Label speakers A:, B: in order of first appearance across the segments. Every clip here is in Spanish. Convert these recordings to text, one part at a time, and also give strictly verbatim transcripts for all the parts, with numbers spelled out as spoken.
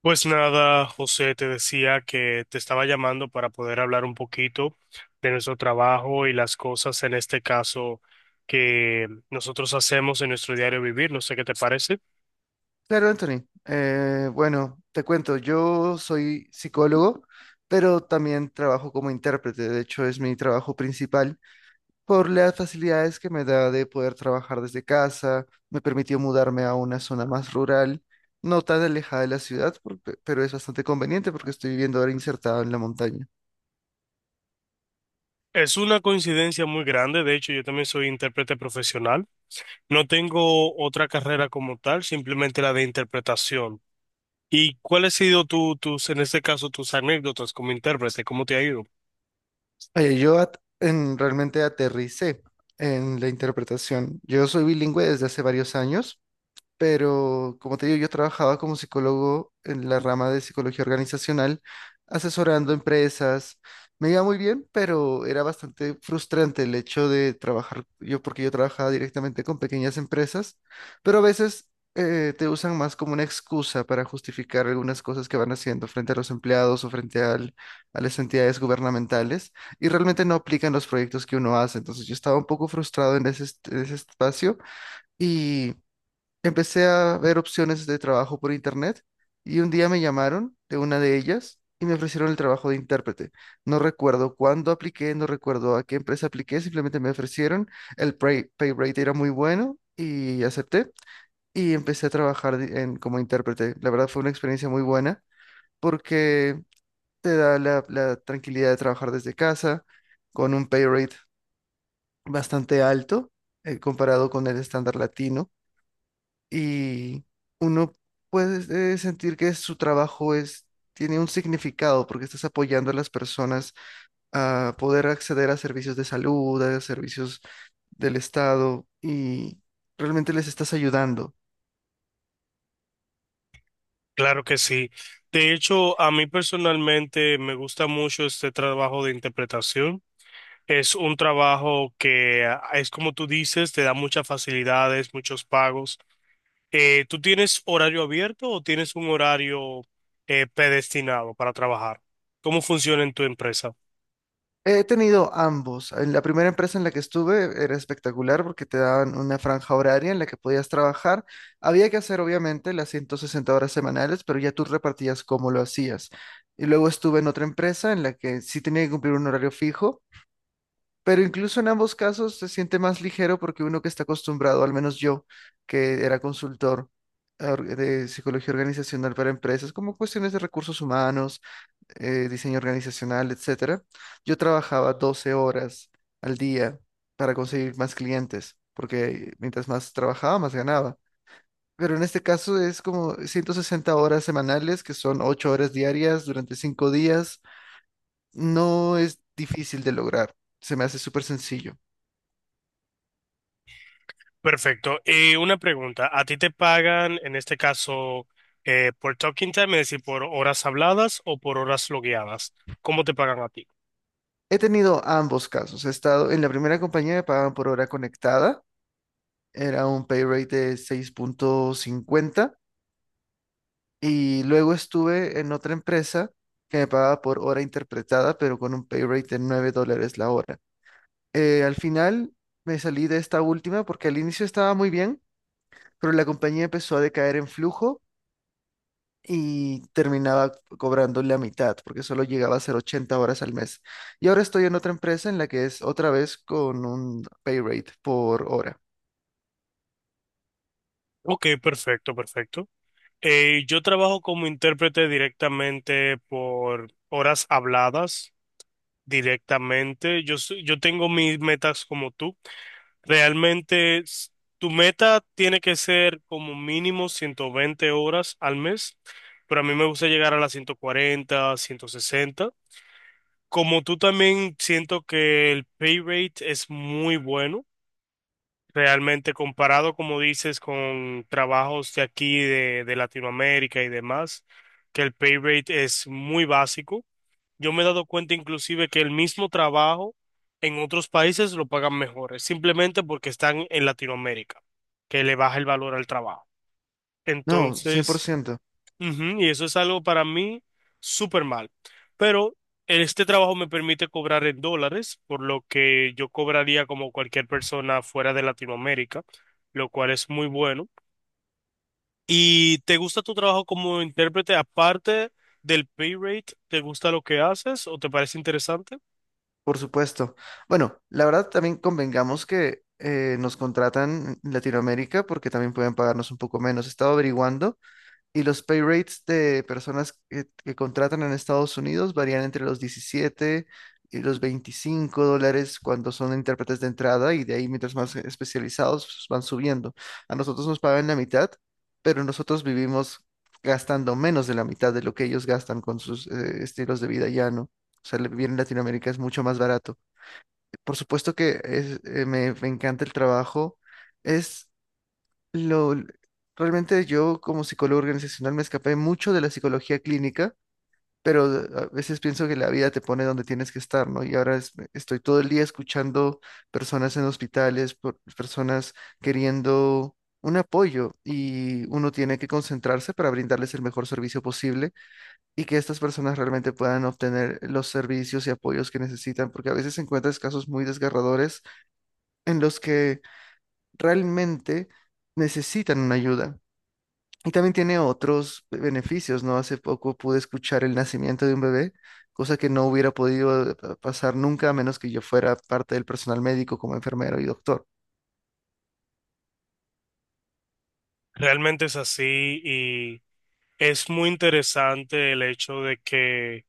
A: Pues nada, José, te decía que te estaba llamando para poder hablar un poquito de nuestro trabajo y las cosas en este caso que nosotros hacemos en nuestro diario vivir. No sé qué te parece.
B: Claro, Anthony. Eh, bueno, te cuento, yo soy psicólogo, pero también trabajo como intérprete. De hecho, es mi trabajo principal por las facilidades que me da de poder trabajar desde casa. Me permitió mudarme a una zona más rural, no tan alejada de la ciudad, por- pe- pero es bastante conveniente porque estoy viviendo ahora insertado en la montaña.
A: Es una coincidencia muy grande. De hecho, yo también soy intérprete profesional. No tengo otra carrera como tal, simplemente la de interpretación. ¿Y cuál ha sido tu, tus, en este caso, tus anécdotas como intérprete? ¿Cómo te ha ido?
B: Oye, yo at- en- realmente aterricé en la interpretación. Yo soy bilingüe desde hace varios años, pero como te digo, yo trabajaba como psicólogo en la rama de psicología organizacional, asesorando empresas. Me iba muy bien, pero era bastante frustrante el hecho de trabajar yo, porque yo trabajaba directamente con pequeñas empresas, pero a veces eh, te usan más como una excusa para justificar algunas cosas que van haciendo frente a los empleados o frente al- a las entidades gubernamentales y realmente no aplican los proyectos que uno hace. Entonces yo estaba un poco frustrado en ese, est- en ese espacio. Y empecé a ver opciones de trabajo por internet y un día me llamaron de una de ellas y me ofrecieron el trabajo de intérprete. No recuerdo cuándo apliqué, no recuerdo a qué empresa apliqué, simplemente me ofrecieron, el pay, pay rate era muy bueno y acepté y empecé a trabajar de- en- como intérprete. La verdad fue una experiencia muy buena porque te da la, la tranquilidad de trabajar desde casa con un pay rate bastante alto eh, comparado con el estándar latino y uno puede eh, sentir que su trabajo es, tiene un significado porque estás apoyando a las personas a poder acceder a servicios de salud, a servicios del Estado y realmente les estás ayudando.
A: Claro que sí. De hecho, a mí personalmente me gusta mucho este trabajo de interpretación. Es un trabajo que ah, es como tú dices, te da muchas facilidades, muchos pagos. Eh, ¿tú tienes horario abierto o tienes un horario eh, predestinado para trabajar? ¿Cómo funciona en tu empresa?
B: He tenido ambos. En la primera empresa en la que estuve era espectacular porque te daban una franja horaria en la que podías trabajar. Había que hacer obviamente las ciento sesenta horas semanales, pero ya tú repartías cómo lo hacías. Y luego estuve en otra empresa en la que sí tenía que cumplir un horario fijo, pero incluso en ambos casos se siente más ligero porque uno que está acostumbrado, al menos yo, que era consultor or- de psicología organizacional para empresas, como cuestiones de recursos humanos, eh, diseño organizacional, etcétera, yo trabajaba doce horas al día para conseguir más clientes, porque mientras más trabajaba, más ganaba. Pero en este caso es como ciento sesenta horas semanales, que son ocho horas diarias durante cinco días. No es difícil de lograr, se me hace súper sencillo.
A: Perfecto. Y una pregunta, ¿a ti te pagan en este caso eh, por talking time, es decir, por horas habladas o por horas logueadas? ¿Cómo te pagan a ti?
B: He tenido ambos casos. He estado en la primera compañía me pagaban por hora conectada, era un pay rate de seis punto cincuenta. Y luego estuve en otra empresa que me pagaba por hora interpretada, pero con un pay rate de nueve dólares la hora. Eh, al final me salí de esta última porque al inicio estaba muy bien, pero la compañía empezó a decaer en flujo y terminaba cobrando la mitad porque solo llegaba a ser ochenta horas al mes. Y ahora estoy en otra empresa en la que es otra vez con un pay rate por hora.
A: Ok, perfecto, perfecto. Eh, yo trabajo como intérprete directamente por horas habladas, directamente. Yo, soy- yo tengo mis metas como tú. Realmente, s- tu meta tiene que ser como mínimo ciento veinte horas al mes, pero a mí me gusta llegar a las ciento cuarenta, ciento sesenta. Como tú también siento que el pay rate es muy bueno, realmente comparado, como dices, con trabajos de aquí, de, de Latinoamérica y demás, que el pay rate es muy básico. Yo me he dado cuenta inclusive que el mismo trabajo en otros países lo pagan mejores, simplemente porque están en Latinoamérica, que le baja el valor al trabajo.
B: No, cien por
A: Entonces...
B: ciento
A: Ujú, y eso es algo para mí súper mal. Pero este trabajo me permite cobrar en dólares, por lo que yo cobraría como cualquier persona fuera de Latinoamérica, lo cual es muy bueno. ¿Y te gusta tu trabajo como intérprete aparte del pay rate? ¿Te gusta lo que haces o te parece interesante?
B: Por supuesto. Bueno, la verdad también convengamos que eh, nos contratan en Latinoamérica porque también pueden pagarnos un poco menos. He estado averiguando y los pay rates de personas que, que contratan en Estados Unidos varían entre los diecisiete y los veinticinco dólares cuando son intérpretes de entrada y de ahí mientras más especializados pues, van subiendo. A nosotros nos pagan la mitad, pero nosotros vivimos gastando menos de la mitad de lo que ellos gastan con sus eh, estilos de vida llano. O sea, el vivir en Latinoamérica es mucho más barato. Por supuesto que es- eh, me me encanta el trabajo. Es lo, realmente yo como psicólogo organizacional me escapé mucho de la psicología clínica, pero a veces pienso que la vida te pone donde tienes que estar, ¿no? Y ahora es- estoy todo el día escuchando personas en hospitales, por- personas queriendo un apoyo y uno tiene que concentrarse para brindarles el mejor servicio posible y que estas personas realmente puedan obtener los servicios y apoyos que necesitan, porque a veces encuentras casos muy desgarradores en los que realmente necesitan una ayuda. Y también tiene otros beneficios, ¿no? Hace poco pude escuchar el nacimiento de un bebé, cosa que no hubiera podido eh, pasar nunca a menos que yo fuera parte del personal médico como enfermero y doctor.
A: Realmente es así y es muy interesante el hecho de que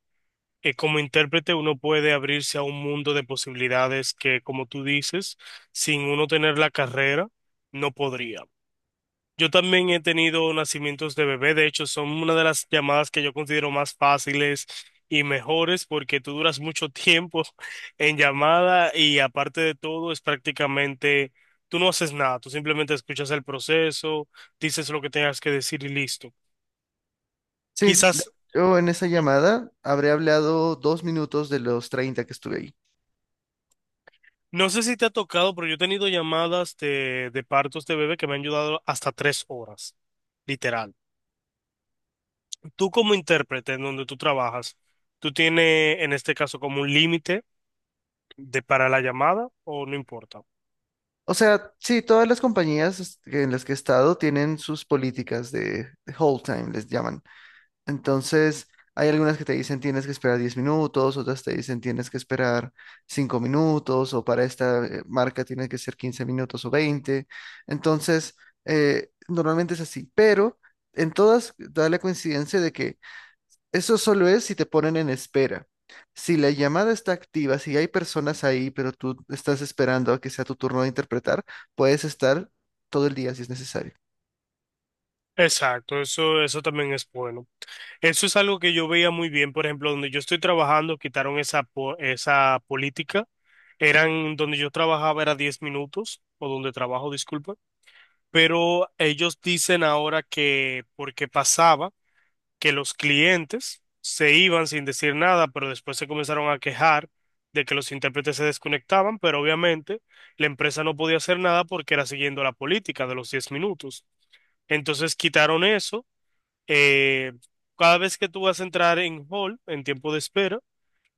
A: eh, como intérprete uno puede abrirse a un mundo de posibilidades que, como tú dices, sin uno tener la carrera, no podría. Yo también he tenido nacimientos de bebé, de hecho, son una de las llamadas que yo considero más fáciles y mejores porque tú duras mucho tiempo en llamada y aparte de todo es prácticamente, tú no haces nada, tú simplemente escuchas el proceso, dices lo que tengas que decir y listo.
B: Sí,
A: Quizás...
B: de- yo en esa llamada habré hablado dos minutos de los treinta que estuve ahí.
A: No sé si te ha tocado, pero yo he tenido llamadas de, de partos de bebé que me han ayudado hasta tres horas, literal. Tú como intérprete en donde tú trabajas, ¿tú tienes en este caso como un límite de para la llamada o no importa?
B: O sea, sí, todas las compañías es- en las que he estado tienen sus políticas de, de hold time, les llaman. Entonces, hay algunas que te dicen tienes que esperar diez minutos, otras te dicen tienes que esperar cinco minutos, o para esta eh, marca tiene que ser quince minutos o veinte. Entonces, eh, normalmente es así, pero en todas da la coincidencia de que eso solo es si te ponen en espera. Si la llamada está activa, si hay personas ahí, pero tú estás esperando a que sea tu turno de interpretar, puedes estar todo el día si es necesario.
A: Exacto, eso, eso también es bueno. Eso es algo que yo veía muy bien, por ejemplo, donde yo estoy trabajando, quitaron esa, po- esa política. Eran donde yo trabajaba era diez minutos, o donde trabajo, disculpa, pero ellos dicen ahora que porque pasaba que los clientes se iban sin decir nada, pero después se comenzaron a quejar de que los intérpretes se desconectaban, pero obviamente la empresa no podía hacer nada porque era siguiendo la política de los diez minutos. Entonces quitaron eso. eh, cada vez que tú vas a entrar en hall, en tiempo de espera,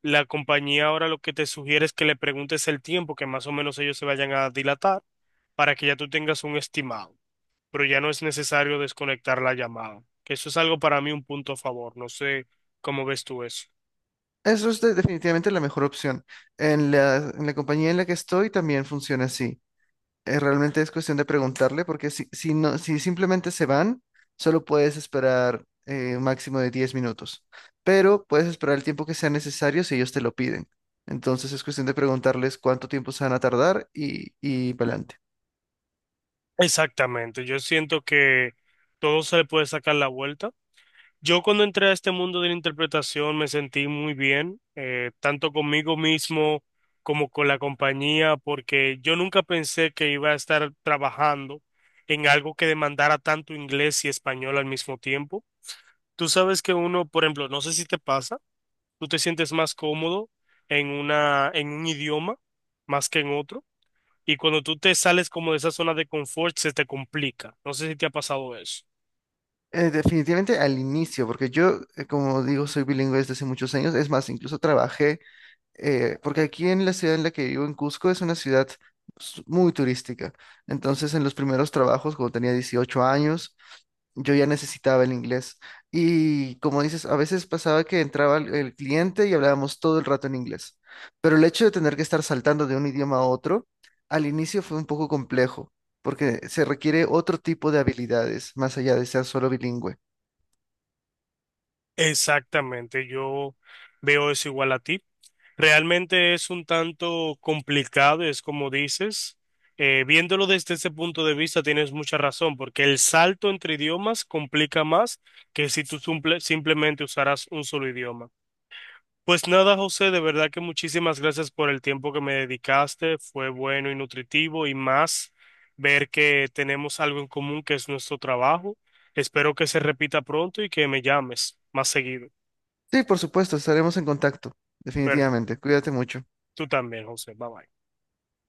A: la compañía ahora lo que te sugiere es que le preguntes el tiempo que más o menos ellos se vayan a dilatar para que ya tú tengas un estimado, pero ya no es necesario desconectar la llamada. Que eso es algo para mí un punto a favor. No sé cómo ves tú eso.
B: Eso es de- definitivamente la mejor opción. En la, en la compañía en la que estoy también funciona así. Eh, realmente es cuestión de preguntarle porque si, si, no, si simplemente se van, solo puedes esperar eh, un máximo de diez minutos, pero puedes esperar el tiempo que sea necesario si ellos te lo piden. Entonces es cuestión de preguntarles cuánto tiempo se van a tardar y, y para adelante.
A: Exactamente, yo siento que todo se le puede sacar la vuelta. Yo cuando entré a este mundo de la interpretación me sentí muy bien, eh, tanto conmigo mismo como con la compañía, porque yo nunca pensé que iba a estar trabajando en algo que demandara tanto inglés y español al mismo tiempo. Tú sabes que uno, por ejemplo, no sé si te pasa. Tú te sientes más cómodo en una, en un idioma más que en otro. Y cuando tú te sales como de esa zona de confort, se te complica. No sé si te ha pasado eso.
B: Eh, definitivamente al inicio, porque yo, eh, como digo, soy bilingüe desde hace muchos años. Es más, incluso trabajé eh, porque aquí en la ciudad en la que vivo, en Cusco, es una ciudad s- muy turística. Entonces, en los primeros trabajos, cuando tenía dieciocho años, yo ya necesitaba el inglés. Y como dices, a veces pasaba que entraba el, el cliente y hablábamos todo el rato en inglés. Pero el hecho de tener que estar saltando de un idioma a otro, al inicio fue un poco complejo, porque se requiere otro tipo de habilidades, más allá de ser solo bilingüe.
A: Exactamente, yo veo eso igual a ti. Realmente es un tanto complicado, es como dices. Eh, viéndolo desde ese punto de vista, tienes mucha razón, porque el salto entre idiomas complica más que si tú simple- simplemente usaras un solo idioma. Pues nada, José, de verdad que muchísimas gracias por el tiempo que me dedicaste. Fue bueno y nutritivo y más ver que tenemos algo en común que es nuestro trabajo. Espero que se repita pronto y que me llames más seguido.
B: Sí, por supuesto, estaremos en contacto,
A: Pero
B: definitivamente. Cuídate mucho.
A: tú también, José. Bye bye.